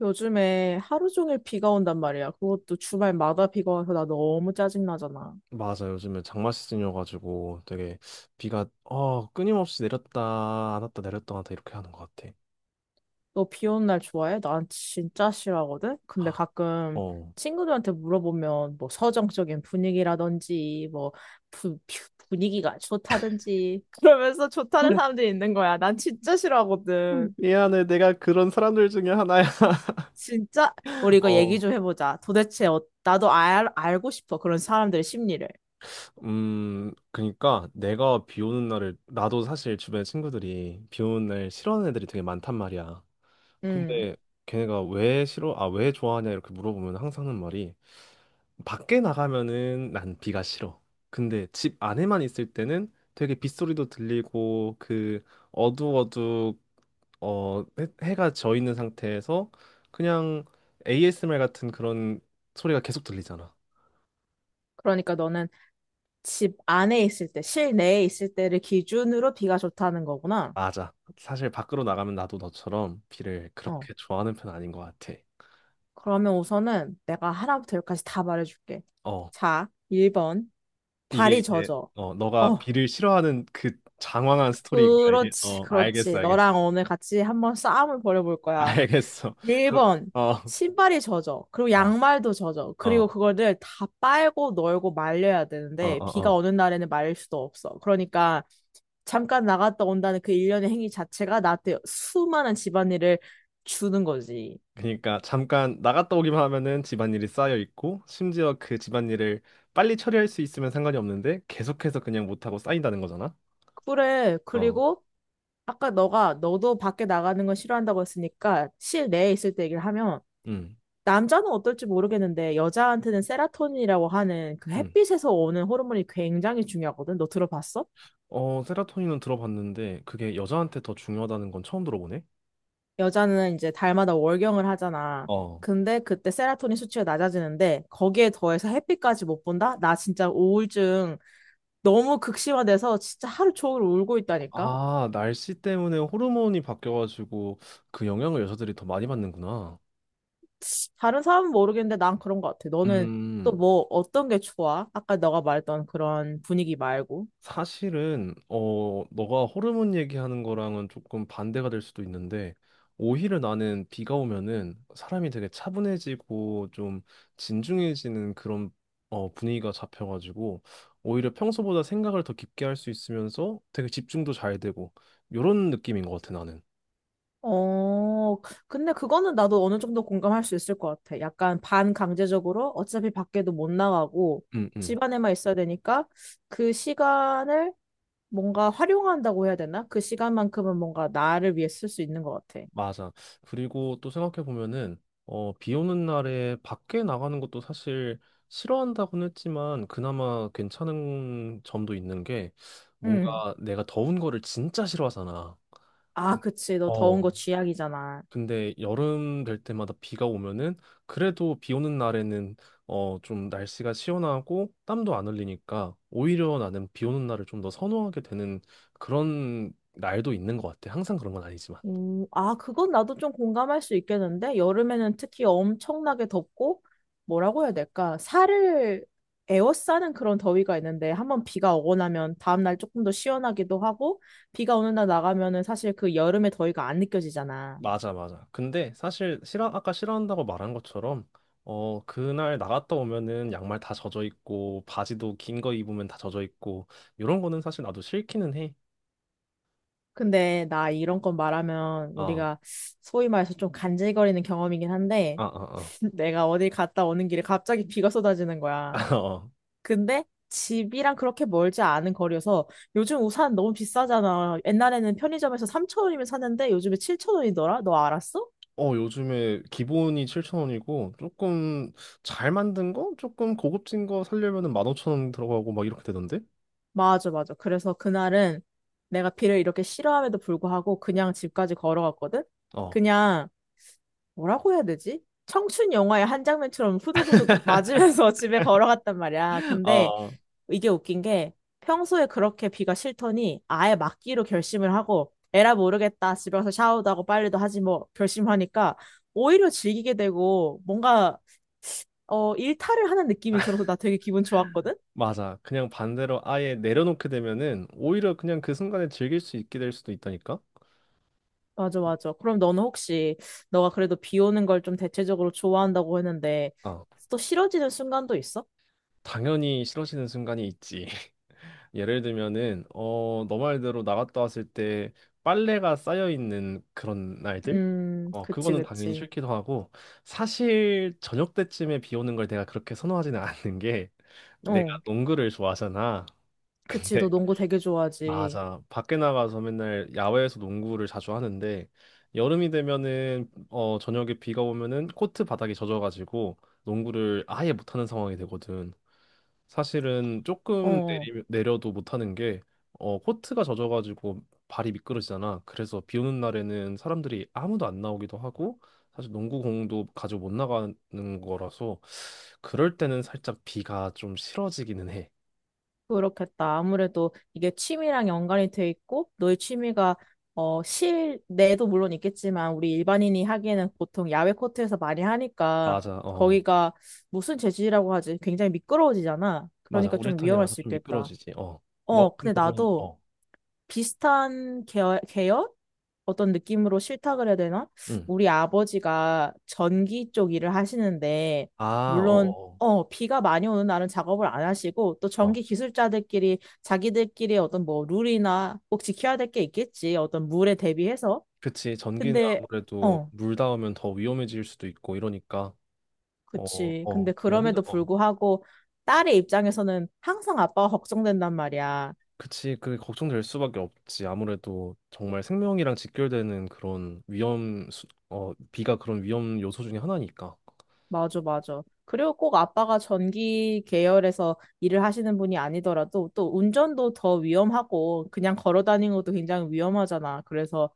요즘에 하루 종일 비가 온단 말이야. 그것도 주말마다 비가 와서 나 너무 짜증나잖아. 맞아. 요즘에 장마 시즌이어가지고 되게 비가 끊임없이 내렸다 안 왔다 내렸다 안 왔다 이렇게 하는 것 같아. 너 비 오는 날 좋아해? 난 진짜 싫어하거든? 근데 아, 가끔 어. 친구들한테 물어보면 뭐 서정적인 분위기라든지 뭐 분위기가 좋다든지 그러면서 좋다는 사람들이 있는 거야. 난 진짜 싫어하거든. 미안해, 내가 그런 사람들 중에 하나야. 진짜? 우리 이거 어. 얘기 좀 해보자. 도대체 나도 알고 싶어. 그런 사람들의 심리를. 그니까 내가 비 오는 날을 나도 사실 주변에 친구들이 비 오는 날 싫어하는 애들이 되게 많단 말이야. 음. 근데 걔네가 왜 싫어? 아, 왜 좋아하냐 이렇게 물어보면 항상 하는 말이 밖에 나가면은 난 비가 싫어. 근데 집 안에만 있을 때는 되게 빗소리도 들리고 그 어두워두 해가 져 있는 상태에서 그냥 ASMR 같은 그런 소리가 계속 들리잖아. 그러니까 너는 집 안에 있을 때, 실내에 있을 때를 기준으로 비가 좋다는 거구나. 맞아. 사실 밖으로 나가면 나도 너처럼 비를 어. 그렇게 좋아하는 편 아닌 것 같아. 그러면 우선은 내가 하나부터 열까지 다 말해줄게. 어. 자, 1번. 이게 발이 이제 젖어. 너가 어, 비를 싫어하는 그 장황한 스토리인 거야 이게 그렇지, 어, 알겠어, 그렇지. 알겠어. 너랑 오늘 같이 한번 싸움을 벌여볼 거야. 알겠어. 1번. 신발이 젖어. 그리고 양말도 젖어. 그리고 그거를 다 빨고 널고 말려야 되는데, 비가 그어어어어어어. 오는 날에는 말릴 수도 없어. 그러니까 잠깐 나갔다 온다는 그 일련의 행위 자체가 나한테 수많은 집안일을 주는 거지. 그러니까 잠깐 나갔다 오기만 하면은 집안일이 쌓여 있고 심지어 그 집안일을 빨리 처리할 수 있으면 상관이 없는데 계속해서 그냥 못하고 쌓인다는 거잖아. 그래. 어음음어 그리고 아까 너가 너도 밖에 나가는 건 싫어한다고 했으니까 실내에 있을 때 얘기를 하면 남자는 어떨지 모르겠는데 여자한테는 세라토닌이라고 하는 그 햇빛에서 오는 호르몬이 굉장히 중요하거든. 너 들어봤어? 세라토닌은 들어봤는데 그게 여자한테 더 중요하다는 건 처음 들어보네. 여자는 이제 달마다 월경을 하잖아. 어, 근데 그때 세라토닌 수치가 낮아지는데 거기에 더해서 햇빛까지 못 본다? 나 진짜 우울증 너무 극심화돼서 진짜 하루 종일 울고 있다니까. 아, 날씨 때문에 호르몬이 바뀌어가지고 그 영향을 여자들이 더 많이 받는구나. 다른 사람은 모르겠는데 난 그런 것 같아. 너는 또 음, 뭐 어떤 게 좋아? 아까 너가 말했던 그런 분위기 말고. 사실은 너가 호르몬 얘기하는 거랑은 조금 반대가 될 수도 있는데 오히려 나는 비가 오면은 사람이 되게 차분해지고 좀 진중해지는 그런 분위기가 잡혀가지고 오히려 평소보다 생각을 더 깊게 할 수 있으면서 되게 집중도 잘 되고 요런 느낌인 것 같아 나는. 어, 근데 그거는 나도 어느 정도 공감할 수 있을 것 같아. 약간 반강제적으로 어차피 밖에도 못 나가고 음, 음. 집 안에만 있어야 되니까 그 시간을 뭔가 활용한다고 해야 되나? 그 시간만큼은 뭔가 나를 위해 쓸 수 있는 것 같아. 맞아. 그리고 또 생각해 보면은 비 오는 날에 밖에 나가는 것도 사실 싫어한다고는 했지만 그나마 괜찮은 점도 있는 게 응. 뭔가 내가 더운 거를 진짜 싫어하잖아. 근- 아, 그치. 너 더운 어, 거 쥐약이잖아. 근데 여름 될 때마다 비가 오면은 그래도 비 오는 날에는 좀 날씨가 시원하고 땀도 안 흘리니까 오히려 나는 비 오는 날을 좀 더 선호하게 되는 그런 날도 있는 것 같아. 항상 그런 건 아니지만. 아, 그건 나도 좀 공감할 수 있겠는데, 여름에는 특히 엄청나게 덥고, 뭐라고 해야 될까, 살을 에워싸는 그런 더위가 있는데, 한번 비가 오고 나면 다음날 조금 더 시원하기도 하고, 비가 오는 날 나가면은 사실 그 여름의 더위가 안 느껴지잖아. 맞아, 맞아. 아까 싫어한다고 말한 것처럼, 어, 그날 나갔다 오면은 양말 다 젖어 있고, 바지도 긴 거 입으면 다 젖어 있고, 이런 거는 사실 나도 싫기는 해. 근데 나 이런 건 말하면 어, 우리가 소위 말해서 좀 간질거리는 경험이긴 한데, 아, 아, 내가 어디 갔다 오는 길에 갑자기 비가 쏟아지는 거야. 아. 어, 근데 집이랑 그렇게 멀지 않은 거리여서 요즘 우산 너무 비싸잖아. 옛날에는 편의점에서 3,000원이면 샀는데 요즘에 7,000원이더라? 너 알았어? 어, 요즘에 기본이 7000원이고, 조금 잘 만든 거? 조금 고급진 거 사려면은 15000원 들어가고 막 이렇게 되던데? 맞아, 맞아. 그래서 그날은 내가 비를 이렇게 싫어함에도 불구하고 그냥 집까지 걸어갔거든? 어, 그냥 뭐라고 해야 되지? 청춘 영화의 한 장면처럼 후두구두 맞으면서 집에 걸어갔단 말이야. 근데 어. 이게 웃긴 게 평소에 그렇게 비가 싫더니 아예 막기로 결심을 하고 에라 모르겠다 집에 가서 샤워도 하고 빨래도 하지 뭐 결심하니까 오히려 즐기게 되고 뭔가 일탈을 하는 느낌이 들어서 나 되게 기분 좋았거든? 맞아. 그냥 반대로 아예 내려놓게 되면은 오히려 그냥 그 순간에 즐길 수 있게 될 수도 있다니까? 맞아 맞아. 그럼 너는 혹시 너가 그래도 비 오는 걸 좀 대체적으로 좋아한다고 했는데 어. 또 싫어지는 순간도 있어? 당연히 싫어지는 순간이 있지. 예를 들면은 어, 너 말대로 나갔다 왔을 때 빨래가 쌓여 있는 그런 날들? 어, 그치 그거는 당연히 그치. 싫기도 하고 사실 저녁 때쯤에 비 오는 걸 내가 그렇게 선호하지는 않는 게 내가 어, 농구를 좋아하잖아. 그치 너 근데 농구 되게 좋아하지. 맞아. 밖에 나가서 맨날 야외에서 농구를 자주 하는데 여름이 되면은 저녁에 비가 오면은 코트 바닥이 젖어가지고 농구를 아예 못하는 상황이 되거든. 사실은 어. 조금 어. 내려도 못하는 게 코트가 젖어가지고 발이 미끄러지잖아. 그래서 비 오는 날에는 사람들이 아무도 안 나오기도 하고 사실 농구공도 가지고 못 나가는 거라서 그럴 때는 살짝 비가 좀 싫어지기는 해. 그렇겠다. 아무래도 이게 취미랑 연관이 돼 있고, 너의 취미가 어, 실내도 물론 있겠지만, 우리 일반인이 하기에는 보통 야외 코트에서 많이 하니까, 맞아, 어, 거기가 무슨 재질이라고 하지? 굉장히 미끄러워지잖아. 맞아. 그러니까 좀 위험할 우레탄이라서 수 좀 있겠다. 미끄러지지. 어, 너 어, 근데 그러면 나도 어, 비슷한 계열? 어떤 느낌으로 실탁그래야 되나? 응. 우리 아버지가 전기 쪽 일을 하시는데, 아, 어, 물론, 어, 비가 많이 오는 날은 작업을 안 하시고, 또 어. 어. 전기 기술자들끼리 자기들끼리 어떤 뭐 룰이나 꼭 지켜야 될 게 있겠지. 어떤 물에 대비해서. 그치. 전기는 근데, 아무래도 어, 물 닿으면 더 위험해질 수도 있고 이러니까 어, 그치. 어, 근데 그 현장, 그럼에도 어. 불구하고, 딸의 입장에서는 항상 아빠가 걱정된단 말이야. 그치, 그게 걱정될 수밖에 없지. 아무래도 정말 생명이랑 직결되는 그런 어, 비가 그런 위험 요소 중에 하나니까. 맞아, 맞아. 그리고 꼭 아빠가 전기 계열에서 일을 하시는 분이 아니더라도 또 운전도 더 위험하고 그냥 걸어 다니는 것도 굉장히 위험하잖아. 그래서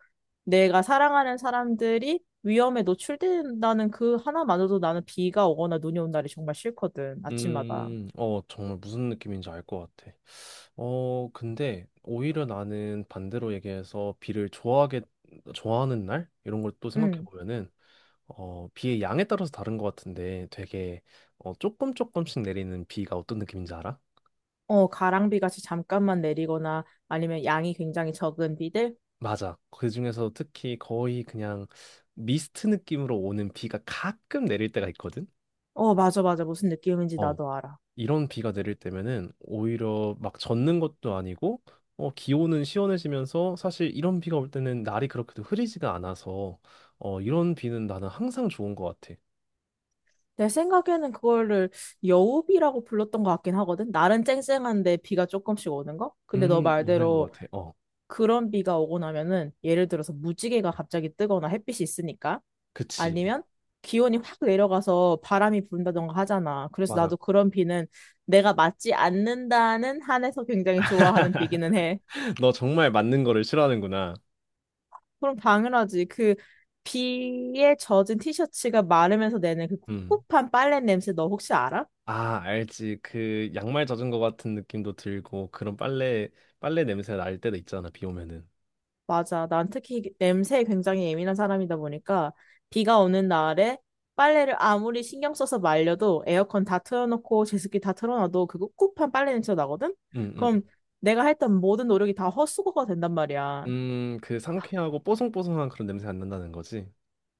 내가 사랑하는 사람들이 위험에 노출된다는 그 하나만으로도 나는 비가 오거나 눈이 온 날이 정말 싫거든. 아침마다. 어, 정말 무슨 느낌인지 알 것 같아. 근데 오히려 나는 반대로 얘기해서 좋아하는 날? 이런 걸 또 생각해 응. 보면은, 비의 양에 따라서 다른 것 같은데 되게, 조금 조금씩 내리는 비가 어떤 느낌인지 알아? 어, 가랑비 같이 잠깐만 내리거나 아니면 양이 굉장히 적은 비들? 맞아. 그중에서 특히 거의 그냥 미스트 느낌으로 오는 비가 가끔 내릴 때가 있거든? 어, 맞아, 맞아. 무슨 느낌인지 어. 나도 알아. 이런 비가 내릴 때면은 오히려 막 젖는 것도 아니고, 어, 기온은 시원해지면서 사실 이런 비가 올 때는 날이 그렇게도 흐리지가 않아서, 어, 이런 비는 나는 항상 좋은 것 같아. 내 생각에는 그거를 여우비라고 불렀던 것 같긴 하거든. 날은 쨍쨍한데 비가 조금씩 오는 거? 근데 너 있는 것 말대로 같아. 어, 그런 비가 오고 나면은 예를 들어서 무지개가 갑자기 뜨거나 햇빛이 있으니까 그치. 아니면 기온이 확 내려가서 바람이 분다던가 하잖아. 그래서 맞아. 나도 그런 비는 내가 맞지 않는다는 한에서 굉장히 좋아하는 비기는 해. 너 정말 맞는 거를 싫어하는구나. 그럼 당연하지. 그 비에 젖은 티셔츠가 마르면서 내는 그 음. 꿉꿉한 빨래 냄새 너 혹시 알아? 아, 알지. 그 양말 젖은 것 같은 느낌도 들고 그런 빨래 냄새 날 때도 있잖아. 비 오면은. 맞아. 난 특히 냄새에 굉장히 예민한 사람이다 보니까 비가 오는 날에 빨래를 아무리 신경 써서 말려도 에어컨 다 틀어놓고 제습기 다 틀어놔도 그 꿉꿉한 빨래 냄새가 나거든? 음, 음. 그럼 내가 했던 모든 노력이 다 헛수고가 된단 말이야. 그 상쾌하고 뽀송뽀송한 그런 냄새 안 난다는 거지.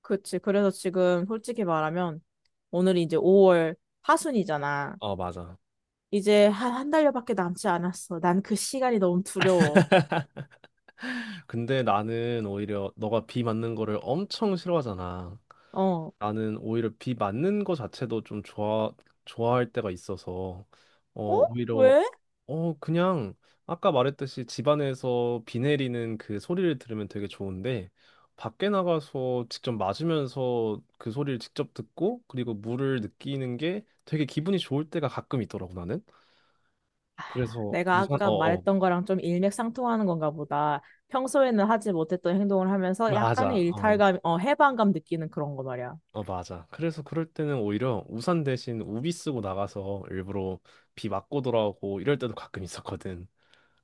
그치. 그래서 지금 솔직히 말하면 오늘이 이제 5월 하순이잖아. 어, 맞아. 이제 한 달여밖에 남지 않았어. 난 그 시간이 너무 두려워. 근데 나는 오히려 너가 비 맞는 거를 엄청 싫어하잖아. 어. 나는 오히려 비 맞는 거 자체도 좋아할 때가 있어서 어 어? 오히려 왜? 그냥 아까 말했듯이 집 안에서 비 내리는 그 소리를 들으면 되게 좋은데 밖에 나가서 직접 맞으면서 그 소리를 직접 듣고 그리고 물을 느끼는 게 되게 기분이 좋을 때가 가끔 있더라고 나는. 그래서 내가 우산 아까 어어 말했던 거랑 좀 일맥상통하는 건가 보다. 평소에는 하지 못했던 행동을 하면서 맞아. 약간의 어. 일탈감, 해방감 느끼는 그런 거 말이야. 어, 맞아. 그래서 그럴 때는 오히려 우산 대신 우비 쓰고 나가서 일부러 비 맞고 돌아오고 이럴 때도 가끔 있었거든.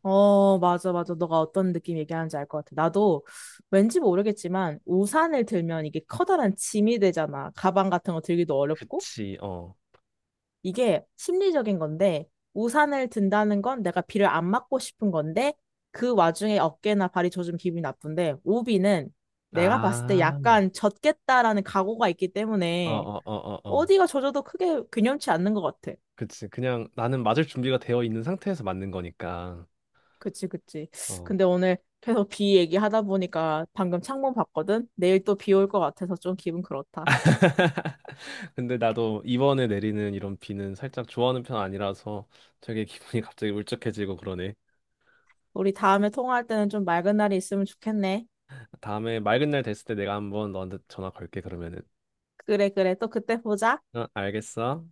어, 맞아, 맞아. 너가 어떤 느낌 얘기하는지 알 것 같아. 나도 왠지 모르겠지만 우산을 들면 이게 커다란 짐이 되잖아. 가방 같은 거 들기도 어렵고. 그치, 어. 이게 심리적인 건데, 우산을 든다는 건 내가 비를 안 맞고 싶은 건데, 그 와중에 어깨나 발이 젖으면 기분이 나쁜데, 우비는 내가 봤을 때 아, 약간 젖겠다라는 각오가 있기 어, 때문에, 어, 어, 어, 어. 어디가 젖어도 크게 근염치 않는 것 같아. 그치. 그냥 나는 맞을 준비가 되어 있는 상태에서 맞는 거니까. 그치, 그치. 어. 근데 오늘 계속 비 얘기하다 보니까 방금 창문 봤거든? 내일 또 비 올 것 같아서 좀 기분 그렇다. 근데 나도 이번에 내리는 이런 비는 살짝 좋아하는 편 아니라서 되게 기분이 갑자기 울적해지고 그러네. 우리 다음에 통화할 때는 좀 맑은 날이 있으면 좋겠네. 다음에 맑은 날 됐을 때 내가 한번 너한테 전화 걸게, 그러면은. 그래, 그래. 또 그때 보자. 어, 알겠어.